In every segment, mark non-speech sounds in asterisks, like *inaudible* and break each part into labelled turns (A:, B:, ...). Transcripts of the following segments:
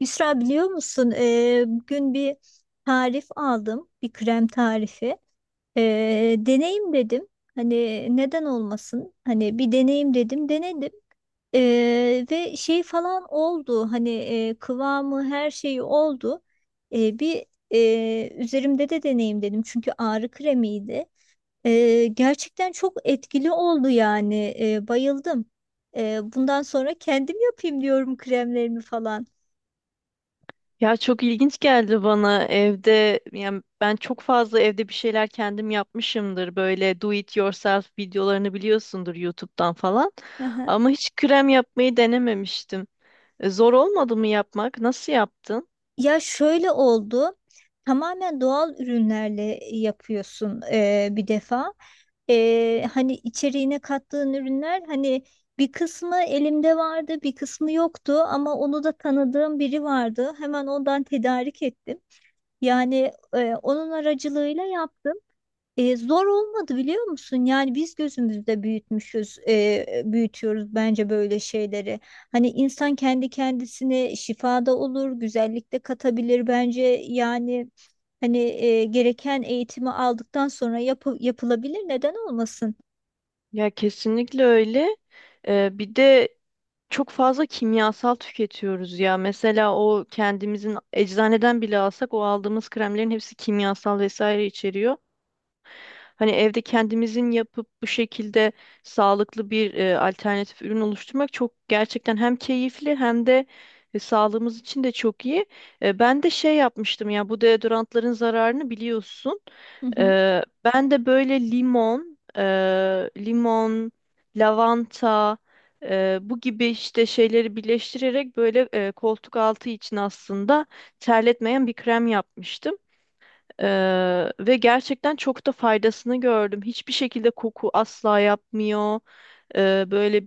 A: Yusra biliyor musun? Bugün bir tarif aldım. Bir krem tarifi. Deneyim dedim. Hani neden olmasın? Hani bir deneyim dedim. Denedim. Ve şey falan oldu. Hani kıvamı her şeyi oldu. Ee, bir Üzerimde de deneyim dedim. Çünkü ağrı kremiydi. Gerçekten çok etkili oldu yani. Bayıldım. Bundan sonra kendim yapayım diyorum kremlerimi falan.
B: Ya çok ilginç geldi bana evde, yani ben çok fazla evde bir şeyler kendim yapmışımdır, böyle do it yourself videolarını biliyorsundur, YouTube'dan falan, ama
A: *laughs*
B: hiç krem yapmayı denememiştim. Zor olmadı mı yapmak? Nasıl yaptın?
A: Ya şöyle oldu. Tamamen doğal ürünlerle yapıyorsun bir defa. Hani içeriğine kattığın ürünler hani bir kısmı elimde vardı, bir kısmı yoktu ama onu da tanıdığım biri vardı. Hemen ondan tedarik ettim. Yani onun aracılığıyla yaptım. Zor olmadı biliyor musun? Yani biz gözümüzde büyütmüşüz, büyütüyoruz bence böyle şeyleri. Hani insan kendi kendisine şifada olur, güzellikte katabilir bence. Yani hani gereken eğitimi aldıktan sonra yapılabilir. Neden olmasın?
B: Ya kesinlikle öyle. Bir de çok fazla kimyasal tüketiyoruz ya, mesela o kendimizin eczaneden bile alsak o aldığımız kremlerin hepsi kimyasal vesaire içeriyor. Hani evde kendimizin yapıp bu şekilde sağlıklı bir alternatif ürün oluşturmak çok gerçekten hem keyifli hem de sağlığımız için de çok iyi. Ben de şey yapmıştım ya, bu deodorantların zararını biliyorsun.
A: Hı hı.
B: Ben de böyle limon, limon, lavanta, bu gibi işte şeyleri birleştirerek, böyle koltuk altı için aslında terletmeyen bir krem yapmıştım. Ve gerçekten çok da faydasını gördüm. Hiçbir şekilde koku asla yapmıyor. Böyle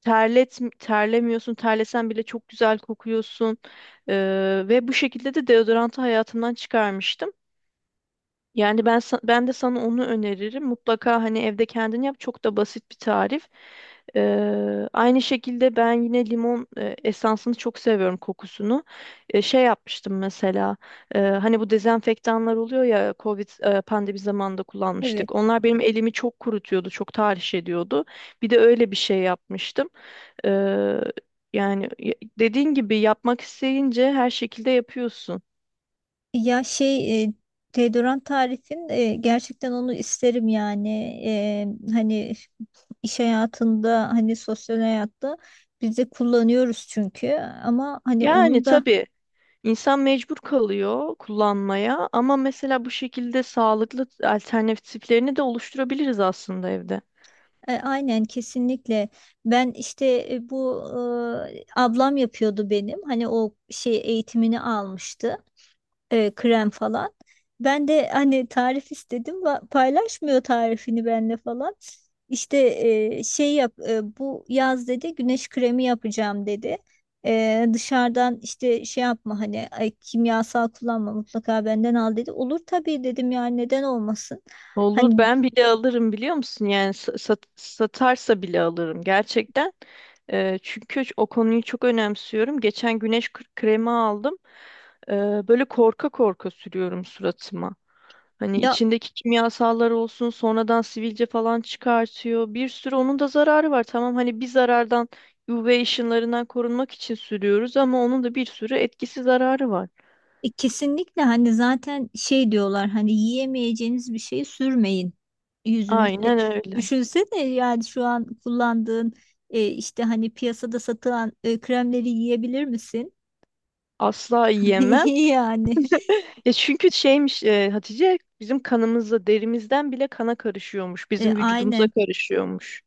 B: terlemiyorsun. Terlesen bile çok güzel kokuyorsun. Ve bu şekilde de deodorantı hayatımdan çıkarmıştım. Yani ben ben de sana onu öneririm. Mutlaka hani evde kendin yap. Çok da basit bir tarif. Aynı şekilde ben yine limon esansını çok seviyorum, kokusunu. Şey yapmıştım mesela. Hani bu dezenfektanlar oluyor ya, Covid pandemi zamanında
A: Evet.
B: kullanmıştık. Onlar benim elimi çok kurutuyordu, çok tahriş ediyordu. Bir de öyle bir şey yapmıştım. Ee, Yani dediğin gibi yapmak isteyince her şekilde yapıyorsun.
A: Ya şey deodorant tarifin gerçekten onu isterim yani. Hani iş hayatında hani sosyal hayatta biz de kullanıyoruz çünkü ama hani
B: Yani
A: onun da
B: tabii, İnsan mecbur kalıyor kullanmaya, ama mesela bu şekilde sağlıklı alternatiflerini de oluşturabiliriz aslında evde.
A: aynen kesinlikle. Ben işte e, bu ablam yapıyordu benim hani o şey eğitimini almıştı. Krem falan. Ben de hani tarif istedim, paylaşmıyor tarifini benimle falan. İşte bu yaz dedi güneş kremi yapacağım dedi. Dışarıdan işte şey yapma hani ay, kimyasal kullanma mutlaka benden al dedi. Olur tabii dedim yani neden olmasın. Hani
B: Olur, ben bile alırım biliyor musun? Yani satarsa bile alırım gerçekten. Çünkü o konuyu çok önemsiyorum. Geçen güneş kremi aldım. Böyle korka korka sürüyorum suratıma. Hani
A: ya.
B: içindeki kimyasallar olsun, sonradan sivilce falan çıkartıyor. Bir sürü onun da zararı var. Tamam, hani bir zarardan, UV ışınlarından korunmak için sürüyoruz, ama onun da bir sürü etkisi, zararı var.
A: Kesinlikle hani zaten şey diyorlar, hani yiyemeyeceğiniz bir şey sürmeyin yüzünüze.
B: Aynen öyle.
A: Düşünsene yani şu an kullandığın, işte hani piyasada satılan kremleri yiyebilir misin?
B: Asla yiyemem.
A: *laughs* Yani
B: Ya çünkü şeymiş, Hatice, bizim kanımızla derimizden bile kana karışıyormuş. Bizim vücudumuza
A: Aynen.
B: karışıyormuş.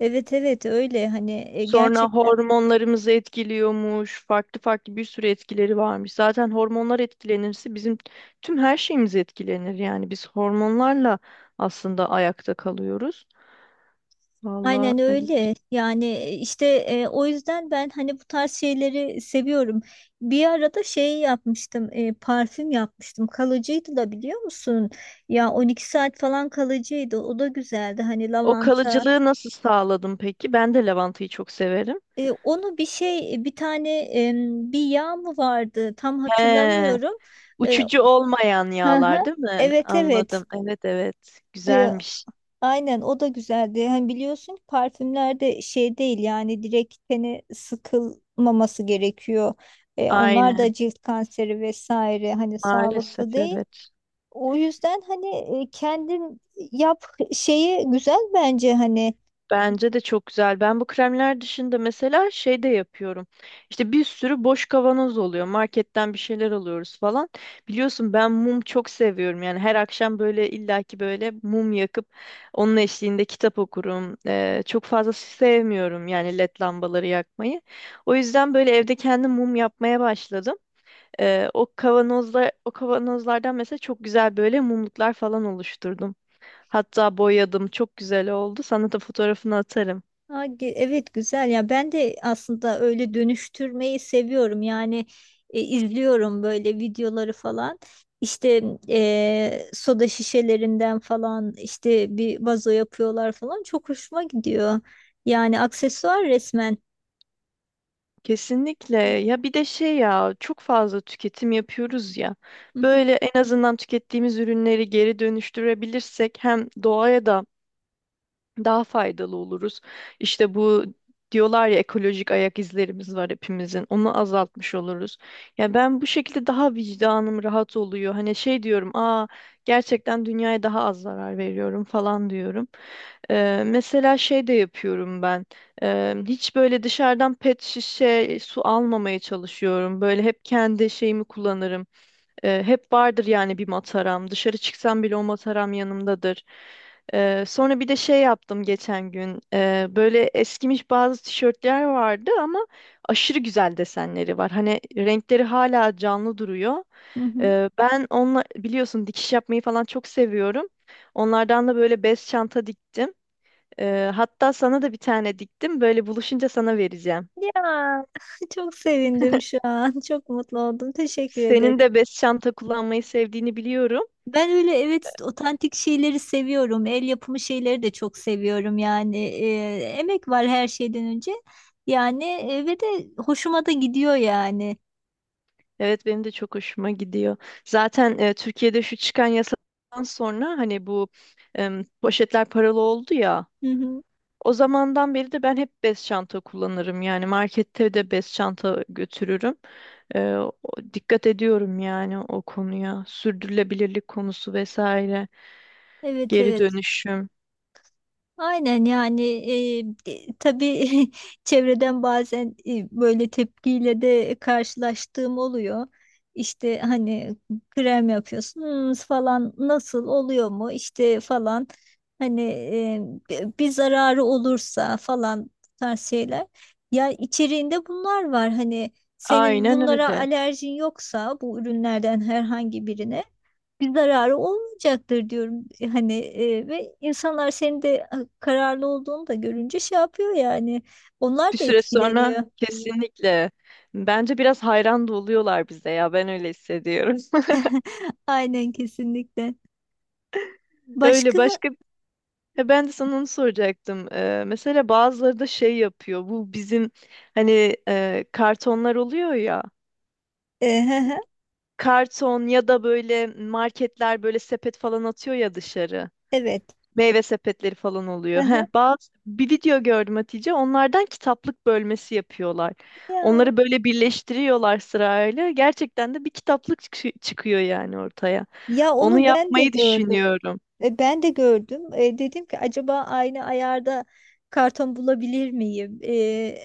A: Evet, evet, öyle hani
B: Sonra
A: gerçekten.
B: hormonlarımızı etkiliyormuş. Farklı farklı bir sürü etkileri varmış. Zaten hormonlar etkilenirse bizim tüm her şeyimiz etkilenir. Yani biz hormonlarla aslında ayakta kalıyoruz. Vallahi
A: Aynen
B: evet.
A: öyle. Yani o yüzden ben hani bu tarz şeyleri seviyorum. Bir arada şey yapmıştım, parfüm yapmıştım. Kalıcıydı da biliyor musun? Ya 12 saat falan kalıcıydı. O da güzeldi. Hani
B: O
A: lavanta.
B: kalıcılığı nasıl sağladım peki? Ben de lavantayı çok severim.
A: Onu bir şey, bir tane e, bir yağ mı vardı? Tam
B: He,
A: hatırlamıyorum. E,
B: uçucu olmayan
A: hı hı.
B: yağlar değil mi?
A: Evet, evet.
B: Anladım. Evet, evet.
A: E,
B: Güzelmiş.
A: Aynen, o da güzeldi. Hani biliyorsun ki parfümler de şey değil yani direkt tene sıkılmaması gerekiyor. Onlar da
B: Aynen.
A: cilt kanseri vesaire, hani
B: Maalesef
A: sağlıklı değil.
B: evet.
A: O yüzden hani kendin yap şeyi güzel bence hani.
B: Bence de çok güzel. Ben bu kremler dışında mesela şey de yapıyorum. İşte bir sürü boş kavanoz oluyor. Marketten bir şeyler alıyoruz falan. Biliyorsun ben mum çok seviyorum. Yani her akşam böyle illaki böyle mum yakıp onun eşliğinde kitap okurum. Çok fazla sevmiyorum yani led lambaları yakmayı. O yüzden böyle evde kendim mum yapmaya başladım. O kavanozlardan mesela çok güzel böyle mumluklar falan oluşturdum. Hatta boyadım. Çok güzel oldu. Sana da fotoğrafını atarım.
A: Evet, güzel ya, ben de aslında öyle dönüştürmeyi seviyorum yani. İzliyorum böyle videoları falan, işte soda şişelerinden falan, işte bir vazo yapıyorlar falan, çok hoşuma gidiyor yani, aksesuar resmen.
B: Kesinlikle. Ya bir de şey ya, çok fazla tüketim yapıyoruz ya.
A: Hı hı,
B: Böyle en azından tükettiğimiz ürünleri geri dönüştürebilirsek hem doğaya da daha faydalı oluruz. İşte bu diyorlar ya, ekolojik ayak izlerimiz var hepimizin. Onu azaltmış oluruz. Ya ben bu şekilde daha vicdanım rahat oluyor. Hani şey diyorum, aa, gerçekten dünyaya daha az zarar veriyorum falan diyorum. Mesela şey de yapıyorum ben. Hiç böyle dışarıdan pet şişe su almamaya çalışıyorum. Böyle hep kendi şeyimi kullanırım. Hep vardır yani bir mataram. Dışarı çıksam bile o mataram yanımdadır. Sonra bir de şey yaptım geçen gün. Böyle eskimiş bazı tişörtler vardı, ama aşırı güzel desenleri var. Hani renkleri hala canlı duruyor.
A: hı hı.
B: Ben onunla, biliyorsun, dikiş yapmayı falan çok seviyorum. Onlardan da böyle bez çanta diktim. Hatta sana da bir tane diktim. Böyle buluşunca sana vereceğim.
A: Ya, *laughs* çok sevindim şu an, çok mutlu oldum, teşekkür
B: Senin
A: ederim.
B: de bez çanta kullanmayı sevdiğini biliyorum.
A: Ben öyle, evet, otantik şeyleri seviyorum. El yapımı şeyleri de çok seviyorum yani. Emek var her şeyden önce. Yani ve de hoşuma da gidiyor yani.
B: Evet, benim de çok hoşuma gidiyor. Zaten Türkiye'de şu çıkan yasadan sonra hani bu poşetler paralı oldu ya.
A: Hı hı.
B: O zamandan beri de ben hep bez çanta kullanırım. Yani markette de bez çanta götürürüm. E, o- Dikkat ediyorum yani o konuya. Sürdürülebilirlik konusu vesaire.
A: Evet,
B: Geri
A: evet.
B: dönüşüm.
A: Aynen yani, tabii. *laughs* Çevreden bazen böyle tepkiyle de karşılaştığım oluyor. İşte hani krem yapıyorsunuz falan, nasıl oluyor mu işte falan, hani bir zararı olursa falan bu tarz şeyler. Ya içeriğinde bunlar var hani, senin
B: Aynen
A: bunlara
B: öyle.
A: alerjin yoksa bu ürünlerden herhangi birine bir zararı olmayacaktır diyorum. Hani ve insanlar senin de kararlı olduğunu da görünce şey yapıyor yani. Onlar
B: Bir
A: da
B: süre
A: etkileniyor.
B: sonra kesinlikle. Bence biraz hayran da oluyorlar bize ya. Ben öyle hissediyorum. *laughs*
A: *laughs* Aynen, kesinlikle.
B: Öyle
A: Başka.
B: başka. Ya ben de sana onu soracaktım. Mesela bazıları da şey yapıyor. Bu bizim hani kartonlar oluyor ya.
A: Ehehe,
B: Karton, ya da böyle marketler böyle sepet falan atıyor ya dışarı.
A: evet.
B: Meyve sepetleri falan oluyor.
A: Ehe.
B: Heh, bazı bir video gördüm Hatice. Onlardan kitaplık bölmesi yapıyorlar.
A: Ya,
B: Onları böyle birleştiriyorlar sırayla. Gerçekten de bir kitaplık çıkıyor yani ortaya.
A: ya
B: Onu
A: onu ben de
B: yapmayı
A: gördüm.
B: düşünüyorum.
A: Ben de gördüm. Dedim ki, acaba aynı ayarda karton bulabilir miyim? E,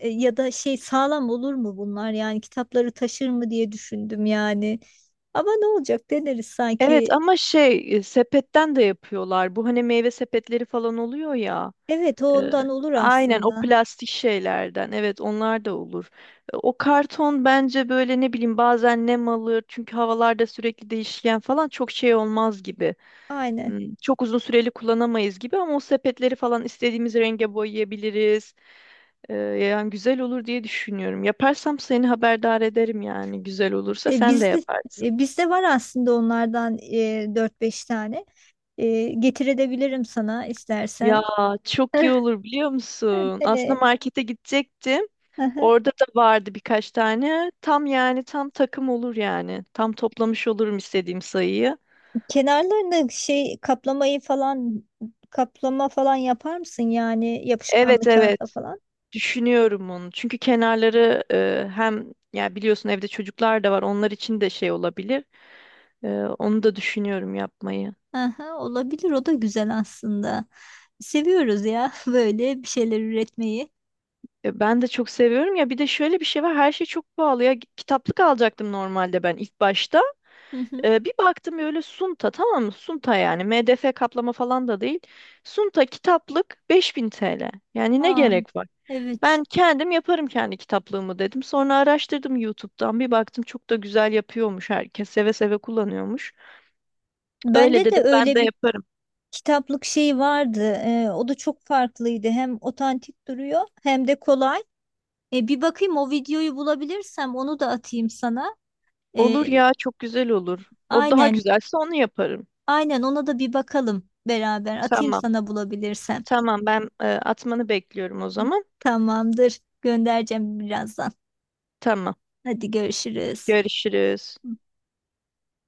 A: e, Ya da şey, sağlam olur mu bunlar? Yani kitapları taşır mı diye düşündüm yani. Ama ne olacak, deneriz
B: Evet,
A: sanki.
B: ama şey, sepetten de yapıyorlar. Bu hani meyve sepetleri falan oluyor ya.
A: Evet, o
B: e,
A: ondan olur
B: aynen, o
A: aslında.
B: plastik şeylerden. Evet, onlar da olur. O karton bence böyle, ne bileyim, bazen nem alır. Çünkü havalarda sürekli değişken falan, çok şey olmaz gibi.
A: Aynen.
B: Çok uzun süreli kullanamayız gibi, ama o sepetleri falan istediğimiz renge boyayabiliriz. Yani güzel olur diye düşünüyorum. Yaparsam seni haberdar ederim, yani güzel olursa
A: E,
B: sen de
A: bizde
B: yaparsın.
A: Bizde var aslında onlardan 4-5 tane. Getirebilirim sana
B: Ya
A: istersen.
B: çok iyi
A: *laughs*
B: olur biliyor musun? Aslında
A: E,
B: markete gidecektim.
A: aha.
B: Orada da vardı birkaç tane. Tam yani, tam takım olur yani. Tam toplamış olurum istediğim sayıyı.
A: Kenarlarını şey kaplamayı falan, kaplama falan yapar mısın yani, yapışkanlı
B: Evet,
A: kağıtla
B: evet.
A: falan?
B: Düşünüyorum onu. Çünkü kenarları, hem ya biliyorsun evde çocuklar da var. Onlar için de şey olabilir. E, Onu da düşünüyorum yapmayı.
A: Aha, olabilir, o da güzel aslında. Seviyoruz ya, *laughs* böyle bir şeyler üretmeyi.
B: Ben de çok seviyorum ya. Bir de şöyle bir şey var. Her şey çok pahalı ya. Kitaplık alacaktım normalde ben ilk başta.
A: Hı hı.
B: Bir baktım öyle Sunta, tamam mı? Sunta, yani MDF kaplama falan da değil. Sunta kitaplık 5000 TL. Yani ne
A: Aa,
B: gerek var?
A: evet.
B: Ben kendim yaparım kendi kitaplığımı dedim. Sonra araştırdım YouTube'dan. Bir baktım, çok da güzel yapıyormuş herkes. Seve seve kullanıyormuş. Öyle
A: Bende de
B: dedim, ben
A: öyle
B: de
A: bir
B: yaparım.
A: kitaplık şeyi vardı. O da çok farklıydı. Hem otantik duruyor hem de kolay. Bir bakayım, o videoyu bulabilirsem onu da atayım sana.
B: Olur
A: Ee,
B: ya, çok güzel olur. O daha
A: aynen,
B: güzelse onu yaparım.
A: aynen, ona da bir bakalım beraber. Atayım
B: Tamam.
A: sana bulabilirsem.
B: Tamam, ben atmanı bekliyorum o zaman.
A: Tamamdır. Göndereceğim birazdan.
B: Tamam.
A: Hadi görüşürüz.
B: Görüşürüz.